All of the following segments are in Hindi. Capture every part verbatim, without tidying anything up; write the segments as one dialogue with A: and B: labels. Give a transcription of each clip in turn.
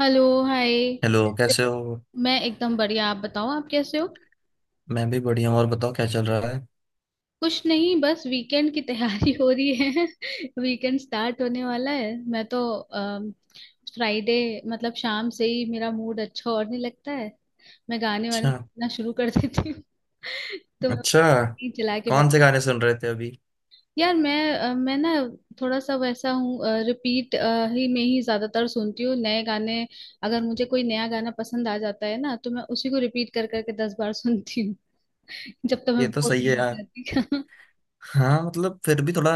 A: Hello hi.
B: हेलो, कैसे हो।
A: मैं एकदम बढ़िया। आप बताओ, आप कैसे हो।
B: मैं भी बढ़िया हूँ। और बताओ, क्या चल रहा है।
A: कुछ नहीं, बस वीकेंड की तैयारी हो रही है। वीकेंड स्टार्ट होने वाला है। मैं तो फ्राइडे मतलब शाम से ही मेरा मूड अच्छा होने लगता है। मैं गाने वाने
B: अच्छा।
A: सुनना शुरू कर देती हूँ। तो मैं
B: अच्छा।
A: नहीं चला के बैठ।
B: कौन से गाने सुन रहे थे अभी।
A: यार मैं अ, मैं ना थोड़ा सा वैसा हूँ। रिपीट ही में ही ज्यादातर सुनती हूँ नए गाने। अगर मुझे कोई नया गाना पसंद आ जाता है ना, तो मैं उसी को रिपीट कर करके दस बार सुनती हूँ। जब तक मैं
B: ये तो
A: बोर
B: सही
A: नहीं
B: है
A: हो
B: यार।
A: जाती।
B: हाँ, मतलब फिर भी थोड़ा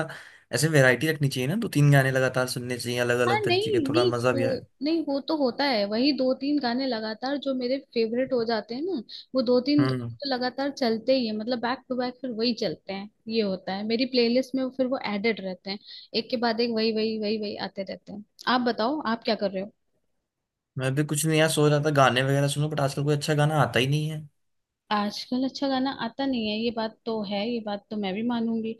B: ऐसे वैरायटी रखनी चाहिए ना, दो तीन गाने लगातार सुनने चाहिए अलग
A: हाँ
B: अलग तरीके के,
A: नहीं
B: थोड़ा
A: नहीं,
B: मजा भी
A: वो
B: आए।
A: नहीं, वो तो होता है। वही दो तीन गाने लगातार जो मेरे फेवरेट हो जाते हैं ना, वो दो तीन गाने
B: हम्म।
A: तो लगातार चलते ही है, मतलब बैक टू बैक फिर वही चलते हैं। ये होता है मेरी प्लेलिस्ट में, फिर वो एडेड रहते हैं। एक के बाद एक वही वही वही वही आते रहते हैं। आप बताओ, आप क्या कर रहे हो।
B: मैं भी कुछ नहीं यार, सोच रहा था गाने वगैरह सुनूं, बट आजकल कोई अच्छा गाना आता ही नहीं है।
A: आजकल अच्छा गाना आता नहीं है, ये बात तो है। ये बात तो मैं भी मानूंगी।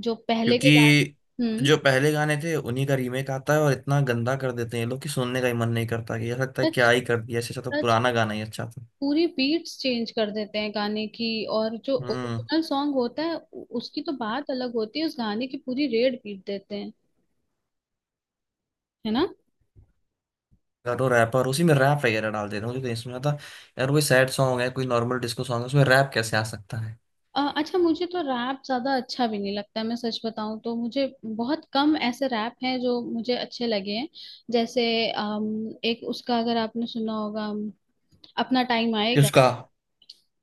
A: जो पहले के
B: क्योंकि
A: गाने, हम्म।
B: जो पहले गाने थे उन्हीं का रीमेक आता है और इतना गंदा कर देते हैं ये लोग कि सुनने का ही मन नहीं करता, कि ऐसा लगता है
A: सच।
B: क्या ही कर दिया, इससे अच्छा तो
A: सच।
B: पुराना गाना ही अच्छा था।
A: पूरी बीट्स चेंज कर देते हैं गाने की। और जो
B: हम्म।
A: ओरिजिनल सॉन्ग होता है उ- उसकी तो बात अलग होती है, उस गाने की पूरी रेड पीट देते हैं। है ना।
B: करो रैपर उसी में रैप वगैरह डाल देता हूँ, मुझे कहीं सुना था। यार, कोई सैड सॉन्ग है, कोई नॉर्मल डिस्को सॉन्ग है, उसमें रैप कैसे आ सकता है।
A: अ, अच्छा, मुझे तो रैप ज्यादा अच्छा भी नहीं लगता है। मैं सच बताऊं तो मुझे बहुत कम ऐसे रैप हैं जो मुझे अच्छे लगे हैं। जैसे अम, एक उसका अगर आपने सुना होगा, अम, अपना टाइम
B: कि
A: आएगा।
B: उसका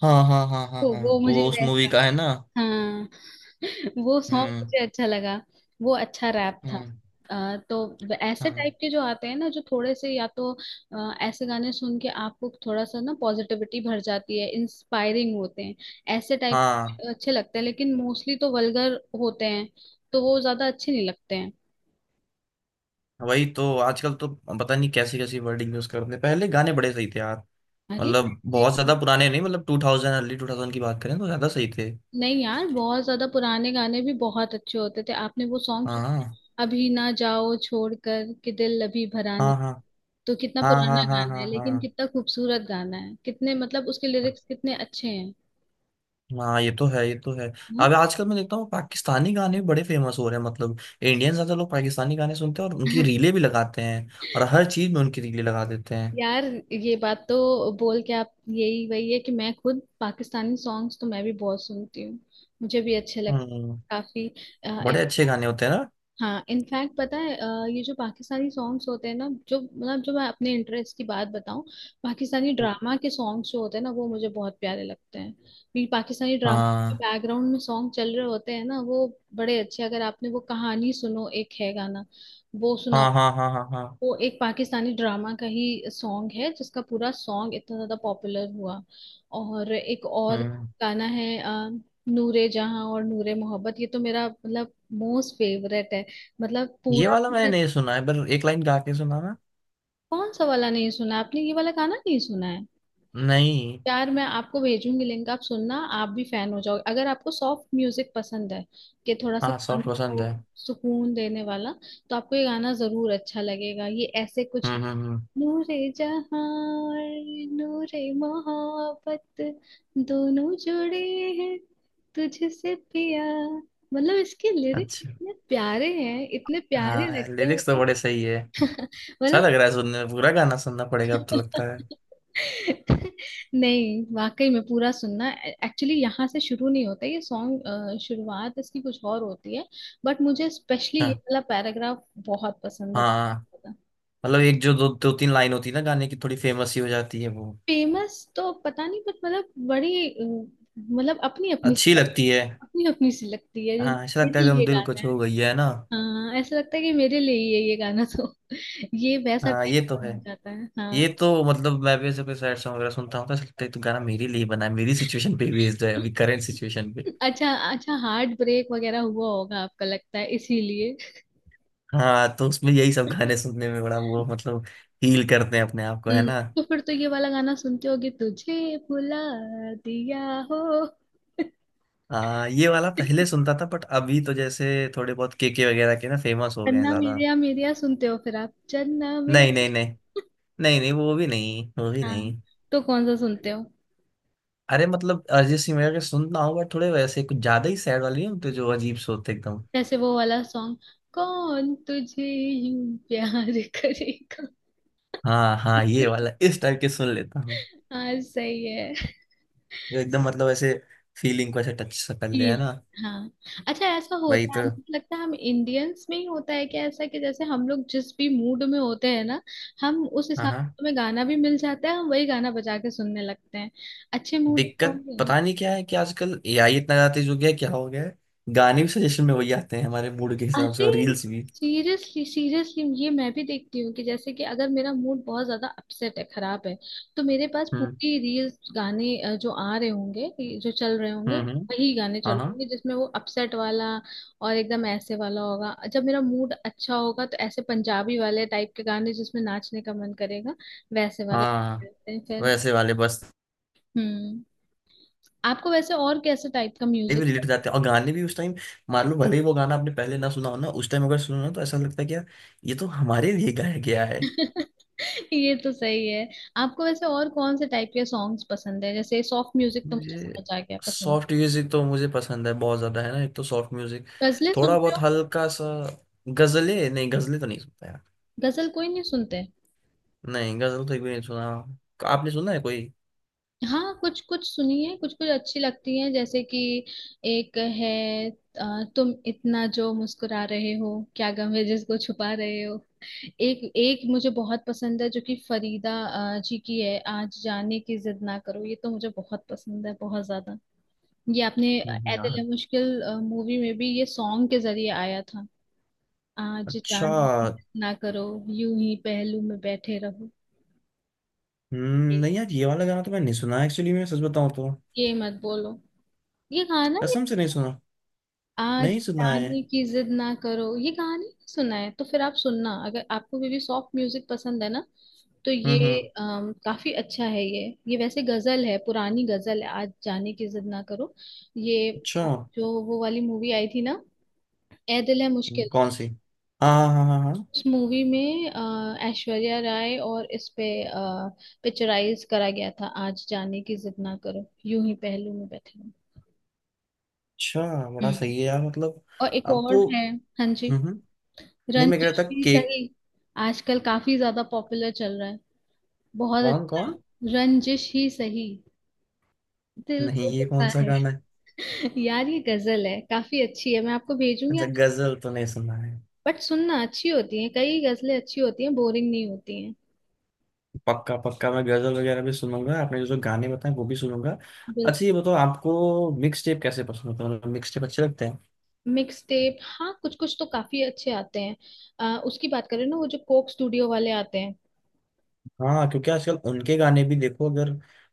B: हाँ हाँ हाँ हाँ
A: तो
B: हाँ,
A: वो मुझे
B: वो उस
A: वैसा,
B: मूवी का है ना।
A: हाँ। वो सॉन्ग
B: हम्म।
A: मुझे अच्छा लगा। वो अच्छा रैप था।
B: हम्म।
A: अ, तो व- ऐसे
B: हाँ
A: टाइप के जो आते हैं ना जो थोड़े से या तो, अ, ऐसे गाने सुन के आपको थोड़ा सा ना पॉजिटिविटी भर जाती है, इंस्पायरिंग होते हैं। ऐसे टाइप
B: हाँ।
A: अच्छे लगते हैं, लेकिन मोस्टली तो वल्गर होते हैं, तो वो ज्यादा अच्छे नहीं लगते हैं।
B: वही तो, आजकल तो पता नहीं कैसी कैसी वर्डिंग यूज करते हैं, पहले गाने बड़े सही थे यार।
A: अरे
B: मतलब
A: ये
B: बहुत
A: कहाँ-
B: ज्यादा पुराने नहीं, मतलब two thousand, early two thousand की बात करें तो ज्यादा सही थे।
A: नहीं यार, बहुत ज्यादा पुराने गाने भी बहुत अच्छे होते थे। आपने वो सॉन्ग सुना है?
B: हाँ
A: अभी ना जाओ छोड़कर, कि दिल अभी भरा नहीं।
B: हाँ हाँ
A: तो कितना
B: हाँ हाँ
A: पुराना
B: हाँ, हाँ
A: गाना है,
B: हाँ
A: लेकिन
B: हाँ
A: कितना खूबसूरत गाना है, कितने मतलब उसके लिरिक्स कितने अच्छे हैं।
B: हाँ, ये तो है, ये तो है।
A: हाँ?
B: अब आजकल मैं देखता हूँ पाकिस्तानी गाने भी बड़े फेमस हो रहे हैं, मतलब इंडियन ज्यादा लोग पाकिस्तानी गाने सुनते हैं और उनकी रीलें भी लगाते हैं। और हर चीज में उनकी रीलें लगा देते हैं।
A: यार ये बात तो बोल के आप यही वही है, कि मैं खुद पाकिस्तानी सॉन्ग्स तो मैं भी बहुत सुनती हूँ। मुझे भी अच्छे लगते
B: हम्म।
A: काफी।
B: बड़े अच्छे गाने होते हैं ना।
A: हाँ इनफैक्ट पता है, अ, ये जो पाकिस्तानी सॉन्ग्स होते हैं ना, जो मतलब, जो मैं अपने इंटरेस्ट की बात बताऊं, पाकिस्तानी ड्रामा के सॉन्ग्स जो होते हैं ना, वो मुझे बहुत प्यारे लगते हैं क्योंकि पाकिस्तानी ड्रामा के
B: हाँ
A: बैकग्राउंड में सॉन्ग चल रहे होते हैं ना, वो बड़े अच्छे। अगर आपने वो कहानी सुनो, एक है गाना, वो सुना।
B: हाँ हाँ हाँ हाँ हाँ।
A: वो एक पाकिस्तानी ड्रामा का ही सॉन्ग है जिसका पूरा सॉन्ग इतना ज्यादा पॉपुलर हुआ। और एक और
B: हम्म।
A: गाना है, अ, नूरे जहां और नूरे मोहब्बत, ये तो मेरा मतलब मोस्ट फेवरेट है। मतलब
B: ये
A: पूरा
B: वाला मैंने
A: पूरा।
B: नहीं सुना है, पर एक लाइन गा के सुना ना।
A: कौन सा वाला नहीं सुना आपने, ये वाला गाना नहीं सुना है।
B: नहीं।
A: यार मैं आपको भेजूंगी लिंक, आप सुनना। आप भी फैन हो जाओगे अगर आपको सॉफ्ट म्यूजिक पसंद है, कि थोड़ा सा
B: हाँ,
A: कान
B: सॉफ्ट
A: को
B: पसंद है।
A: सुकून देने वाला। तो आपको ये गाना जरूर अच्छा लगेगा। ये ऐसे कुछ,
B: हम्म हम्म हम्म,
A: नूरे जहां और नूरे मोहब्बत दोनों जुड़े हैं, तुझसे पिया। मतलब इसके लिरिक्स
B: अच्छा।
A: इतने प्यारे हैं, इतने प्यारे
B: हाँ,
A: लगते हैं
B: लिरिक्स तो बड़े
A: मतलब।
B: सही है। अच्छा
A: मतलब,
B: लग रहा है सुनने में, पूरा गाना सुनना पड़ेगा अब तो लगता है।
A: नहीं वाकई में पूरा सुनना। एक्चुअली यहाँ से शुरू नहीं होता ये सॉन्ग, शुरुआत इसकी कुछ और होती है। बट मुझे स्पेशली ये
B: अच्छा।
A: वाला पैराग्राफ बहुत पसंद है।
B: हाँ, मतलब एक जो दो दो तीन लाइन होती है ना गाने की, थोड़ी फेमस ही हो जाती है वो,
A: फेमस तो पता नहीं, बट मतलब बड़ी अ, मतलब, अपनी अपनी,
B: अच्छी लगती है।
A: अपनी अपनी सी लगती है,
B: हाँ ऐसा लगता है
A: मेरे
B: एकदम
A: लिए
B: दिल को
A: गाना है।
B: छू गई है ना।
A: हाँ ऐसा लगता है कि मेरे लिए ही है ये गाना, तो ये वैसा
B: हाँ
A: टाइप
B: ये तो है।
A: हो जाता है। हाँ।
B: ये तो मतलब मैं भी ऐसे कोई सैड सॉन्ग वगैरह सुनता हूँ तो ऐसा लगता है तो गाना मेरे लिए बना है, मेरी सिचुएशन पे बेस्ड है, अभी करंट सिचुएशन पे।
A: अच्छा अच्छा, हार्ट ब्रेक वगैरह हुआ होगा आपका, लगता है इसीलिए।
B: हाँ, तो उसमें यही सब गाने सुनने में बड़ा वो मतलब, हील करते हैं अपने आप को है
A: हम्म।
B: ना।
A: तो फिर तो ये वाला गाना सुनते होगे, तुझे भुला दिया हो।
B: हाँ, ये वाला पहले सुनता था बट अभी तो जैसे थोड़े बहुत केके वगैरह के ना फेमस हो गए हैं
A: चन्ना
B: ज्यादा।
A: मेरेया मेरेया सुनते हो फिर आप, चन्ना
B: नहीं नहीं
A: मेरेया।
B: नहीं, नहीं नहीं वो भी नहीं, वो भी
A: हाँ।
B: नहीं।
A: तो कौन सा सुनते हो।
B: अरे मतलब अरिजीत सिंह वगैरह के सुनता हूँ बट थोड़े वैसे कुछ ज्यादा ही सैड वाले नहीं होते जो अजीब से होते एकदम।
A: जैसे वो वाला सॉन्ग, कौन तुझे यूं प्यार करेगा।
B: हाँ हाँ, ये वाला इस टाइप के सुन लेता हूँ,
A: हाँ सही है।
B: जो एकदम मतलब ऐसे फीलिंग को ऐसे टच सा कर ले
A: फील,
B: है ना।
A: हाँ। अच्छा ऐसा
B: वही
A: होता है,
B: तो।
A: मुझे लगता है हम इंडियंस में ही होता है कि ऐसा, कि जैसे हम लोग जिस भी मूड में होते हैं ना, हम उस
B: हाँ
A: हिसाब
B: हाँ।
A: से हमें गाना भी मिल जाता है, हम वही गाना बजा के सुनने लगते हैं। अच्छे मूड में
B: दिक्कत
A: होंगे।
B: पता नहीं क्या है कि आजकल ए आई इतना ज्यादा तेज हो गया है, क्या हो गया है। गाने भी सजेशन में वही आते हैं हमारे मूड के हिसाब से,
A: अरे
B: और रील्स भी।
A: सीरियसली सीरियसली, ये मैं भी देखती हूँ कि जैसे कि अगर मेरा मूड बहुत ज्यादा अपसेट है, खराब है, तो मेरे पास
B: हम्म
A: पूरी रील्स गाने अ, जो आ रहे होंगे, ये जो चल रहे होंगे,
B: हम्म हम्म,
A: वही गाने
B: हाँ
A: चल रहे
B: हाँ
A: होंगे जिसमें वो अपसेट वाला। और एकदम ऐसे वाला होगा जब मेरा मूड अच्छा होगा, तो ऐसे पंजाबी वाले टाइप के गाने जिसमें नाचने का मन करेगा, वैसे वाले गाने
B: हाँ।
A: होते हैं फिर।
B: वैसे वाले बस,
A: हम्म। आपको वैसे और कैसे टाइप का
B: भी
A: म्यूजिक।
B: रिलेट जाते हैं और गाने भी उस टाइम। मान लो भले ही वो गाना आपने पहले ना सुना हो ना, उस टाइम अगर सुनो ना तो ऐसा लगता है कि यार ये तो हमारे लिए गाया गया है।
A: ये तो सही है। आपको वैसे और कौन से टाइप के सॉन्ग्स पसंद है, जैसे सॉफ्ट म्यूजिक तो मुझे
B: मुझे
A: समझ आ गया पसंद।
B: सॉफ्ट म्यूजिक तो मुझे पसंद है बहुत ज्यादा है ना, एक तो सॉफ्ट म्यूजिक,
A: गजलें
B: थोड़ा
A: सुनते
B: बहुत
A: हो।
B: हल्का सा। गजलें नहीं, गजलें तो नहीं सुनता यार।
A: गजल कोई नहीं सुनते।
B: नहीं, गजल तो एक भी नहीं सुना। आपने सुना है कोई।
A: हाँ कुछ कुछ सुनी है, कुछ कुछ अच्छी लगती है। जैसे कि एक है, अ, तुम इतना जो मुस्कुरा रहे हो, क्या गम है जिसको छुपा रहे हो। एक एक मुझे बहुत पसंद है, जो कि फरीदा अ, जी की है, आज जाने की जिद ना करो। ये तो मुझे बहुत पसंद है, बहुत ज्यादा। ये आपने,
B: नहीं यार।
A: ऐतिल मुश्किल मूवी में भी ये सॉन्ग के जरिए आया था। आज
B: अच्छा।
A: जान ना करो, यूं ही पहलू में बैठे रहो।
B: हम्म, नहीं यार ये वाला गाना तो मैंने नहीं सुना, एक्चुअली मैं सच बताऊं तो
A: ये मत बोलो ये गाना, ये
B: कसम से नहीं सुना।
A: आज
B: नहीं सुना है।
A: जाने की जिद ना करो ये गाने ही सुना है। तो फिर आप सुनना। अगर आपको भी, भी सॉफ्ट म्यूजिक पसंद है ना, तो
B: हम्म
A: ये
B: हम्म।
A: अम, काफी अच्छा है ये। ये वैसे गजल है, पुरानी गजल है, आज जाने की जिद ना करो। ये
B: अच्छा।
A: जो वो वाली मूवी आई थी ना, ऐ दिल है
B: हम्म,
A: मुश्किल,
B: कौन सी। हाँ हाँ हाँ हाँ हाँ।
A: उस मूवी में अ, ऐश्वर्या राय और इस पे पिक्चराइज करा गया था, आज जाने की जिद ना करो, यूं ही पहलू में बैठे रहो।
B: अच्छा। बड़ा
A: हम्म।
B: सही है यार मतलब।
A: और एक और
B: आपको।
A: है। हाँ जी।
B: हम्म हम्म। नहीं मैं कह
A: रंजिश
B: रहा था
A: ही
B: केक।
A: सही, आजकल काफी ज्यादा पॉपुलर चल रहा है। बहुत
B: कौन
A: अच्छा
B: कौन।
A: है रंजिश ही सही। दिल
B: नहीं,
A: तो
B: ये
A: दुखा
B: कौन सा
A: है।
B: गाना है।
A: यार ये गजल है, काफी अच्छी है, मैं आपको भेजूंगी,
B: अच्छा,
A: आप
B: गजल तो नहीं सुना है।
A: बट सुनना अच्छी होती है, कई गजलें अच्छी होती हैं, बोरिंग नहीं होती
B: पक्का पक्का, मैं गजल वगैरह भी सुनूंगा, आपने जो जो गाने बताए वो भी सुनूंगा।
A: हैं।
B: अच्छा ये बताओ, आपको मिक्स टेप कैसे पसंद होता है, मतलब मिक्स टेप अच्छे लगते हैं।
A: मिक्स टेप, हाँ कुछ कुछ तो काफी अच्छे आते हैं। अ, उसकी बात करें ना, वो जो कोक स्टूडियो वाले आते हैं।
B: हाँ, क्योंकि आजकल उनके गाने भी देखो अगर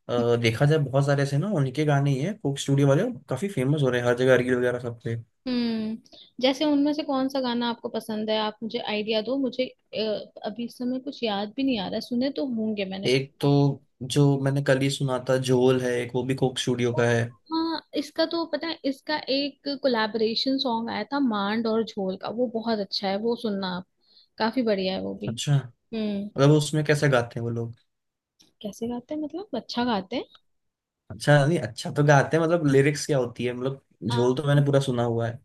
B: अ, देखा जाए बहुत सारे ऐसे ना उनके गाने ही हैं कोक स्टूडियो वाले, काफी फेमस हो रहे हैं हर जगह रील वगैरह सब पे।
A: हम्म। जैसे उनमें से कौन सा गाना आपको पसंद है, आप मुझे आइडिया दो, मुझे अ, अभी इस समय कुछ याद भी नहीं आ रहा, सुने तो होंगे मैंने।
B: एक तो जो मैंने कल ही सुना था झोल है, एक वो भी कोक स्टूडियो का है।
A: हाँ इसका तो पता है, इसका एक कोलैबोरेशन सॉन्ग आया था मांड और झोल का, वो बहुत अच्छा है, वो सुनना आप। काफी बढ़िया है वो भी।
B: अच्छा,
A: हम्म।
B: मतलब उसमें कैसे गाते हैं वो लोग।
A: कैसे गाते हैं मतलब, अच्छा गाते हैं।
B: अच्छा नहीं, अच्छा तो गाते हैं, मतलब लिरिक्स क्या होती है मतलब।
A: आ,
B: झोल तो मैंने पूरा सुना हुआ है।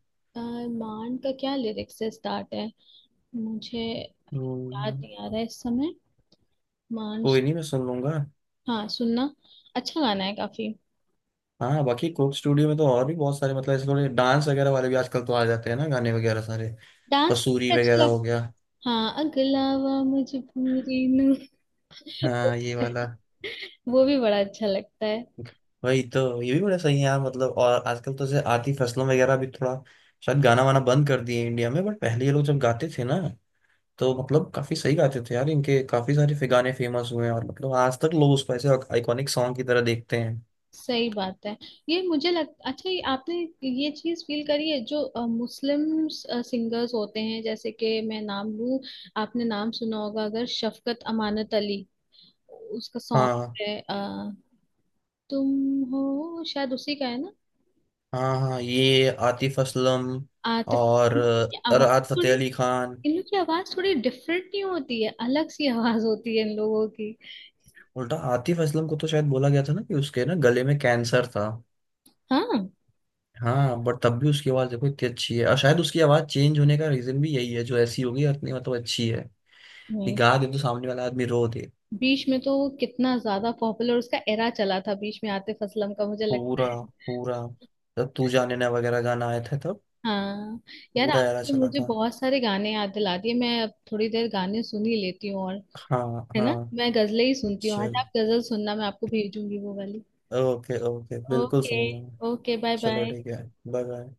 A: मान का क्या लिरिक्स से स्टार्ट है, मुझे याद
B: हम्म,
A: नहीं आ रहा है इस समय, मान।
B: कोई नहीं मैं सुन लूंगा।
A: हाँ सुनना, अच्छा गाना है काफी।
B: हाँ, बाकी कोक स्टूडियो में तो और भी बहुत सारे मतलब ऐसे थोड़े डांस वगैरह वाले भी आजकल तो आ जाते हैं ना गाने वगैरह सारे।
A: डांस
B: कसूरी
A: मुझे अच्छा
B: वगैरह
A: लग।
B: हो गया।
A: हाँ अगलावा मजबूरी नू,
B: हाँ ये वाला।
A: वो भी बड़ा अच्छा लगता है।
B: वही तो, ये भी बड़ा सही है यार मतलब। और आजकल तो जैसे आतिफ असलम वगैरह भी थोड़ा शायद गाना वाना बंद कर दिए इंडिया में, बट पहले ये लोग जब गाते थे ना तो मतलब काफी सही गाते थे यार। इनके काफी सारे फि- गाने फेमस हुए हैं, और मतलब आज तक लोग उसको ऐसे आइकॉनिक सॉन्ग की तरह देखते हैं।
A: सही बात है। ये मुझे लग अच्छा, ये आपने ये चीज फील करी है, जो मुस्लिम सिंगर्स होते हैं जैसे कि मैं नाम लूं, आपने नाम सुना होगा अगर, शफकत अमानत अली। उसका
B: हाँ
A: सॉन्ग है तुम हो, शायद उसी का है ना।
B: हाँ हाँ, ये आतिफ असलम
A: आतिफ
B: और
A: असलम। इन लोग की
B: अ,
A: आवाज
B: राहत
A: थोड़ी,
B: फतेह अली खान।
A: इन लोग की आवाज थोड़ी डिफरेंट नहीं होती है, अलग सी आवाज होती है इन लोगों की।
B: उल्टा आतिफ असलम को तो शायद बोला गया था ना कि उसके ना गले में कैंसर था।
A: हाँ।
B: हाँ, बट तब भी उसकी आवाज देखो इतनी अच्छी है, और शायद उसकी आवाज चेंज होने का रीजन भी यही है, जो ऐसी होगी, इतनी मतलब अच्छी है कि
A: नहीं
B: गा दे तो सामने वाला आदमी रो दे।
A: बीच में तो वो कितना ज्यादा पॉपुलर, उसका एरा चला था बीच में आतिफ असलम का, मुझे लगता
B: पूरा
A: है।
B: पूरा, जब तू जाने ना वगैरह गाना आया था तब
A: हाँ। यार
B: पूरा एरा
A: आपने तो
B: चला
A: मुझे
B: था।
A: बहुत सारे गाने याद दिला दिए, मैं अब थोड़ी देर गाने सुन ही लेती हूँ। और
B: हाँ
A: है ना,
B: हाँ।
A: मैं गजलें ही सुनती हूँ आज।
B: चलो
A: आप गजल सुनना, मैं आपको भेजूंगी वो वाली।
B: ओके ओके, बिल्कुल
A: ओके।
B: सुनूंगा मैं।
A: ओके, बाय
B: चलो
A: बाय।
B: ठीक है। Bye bye.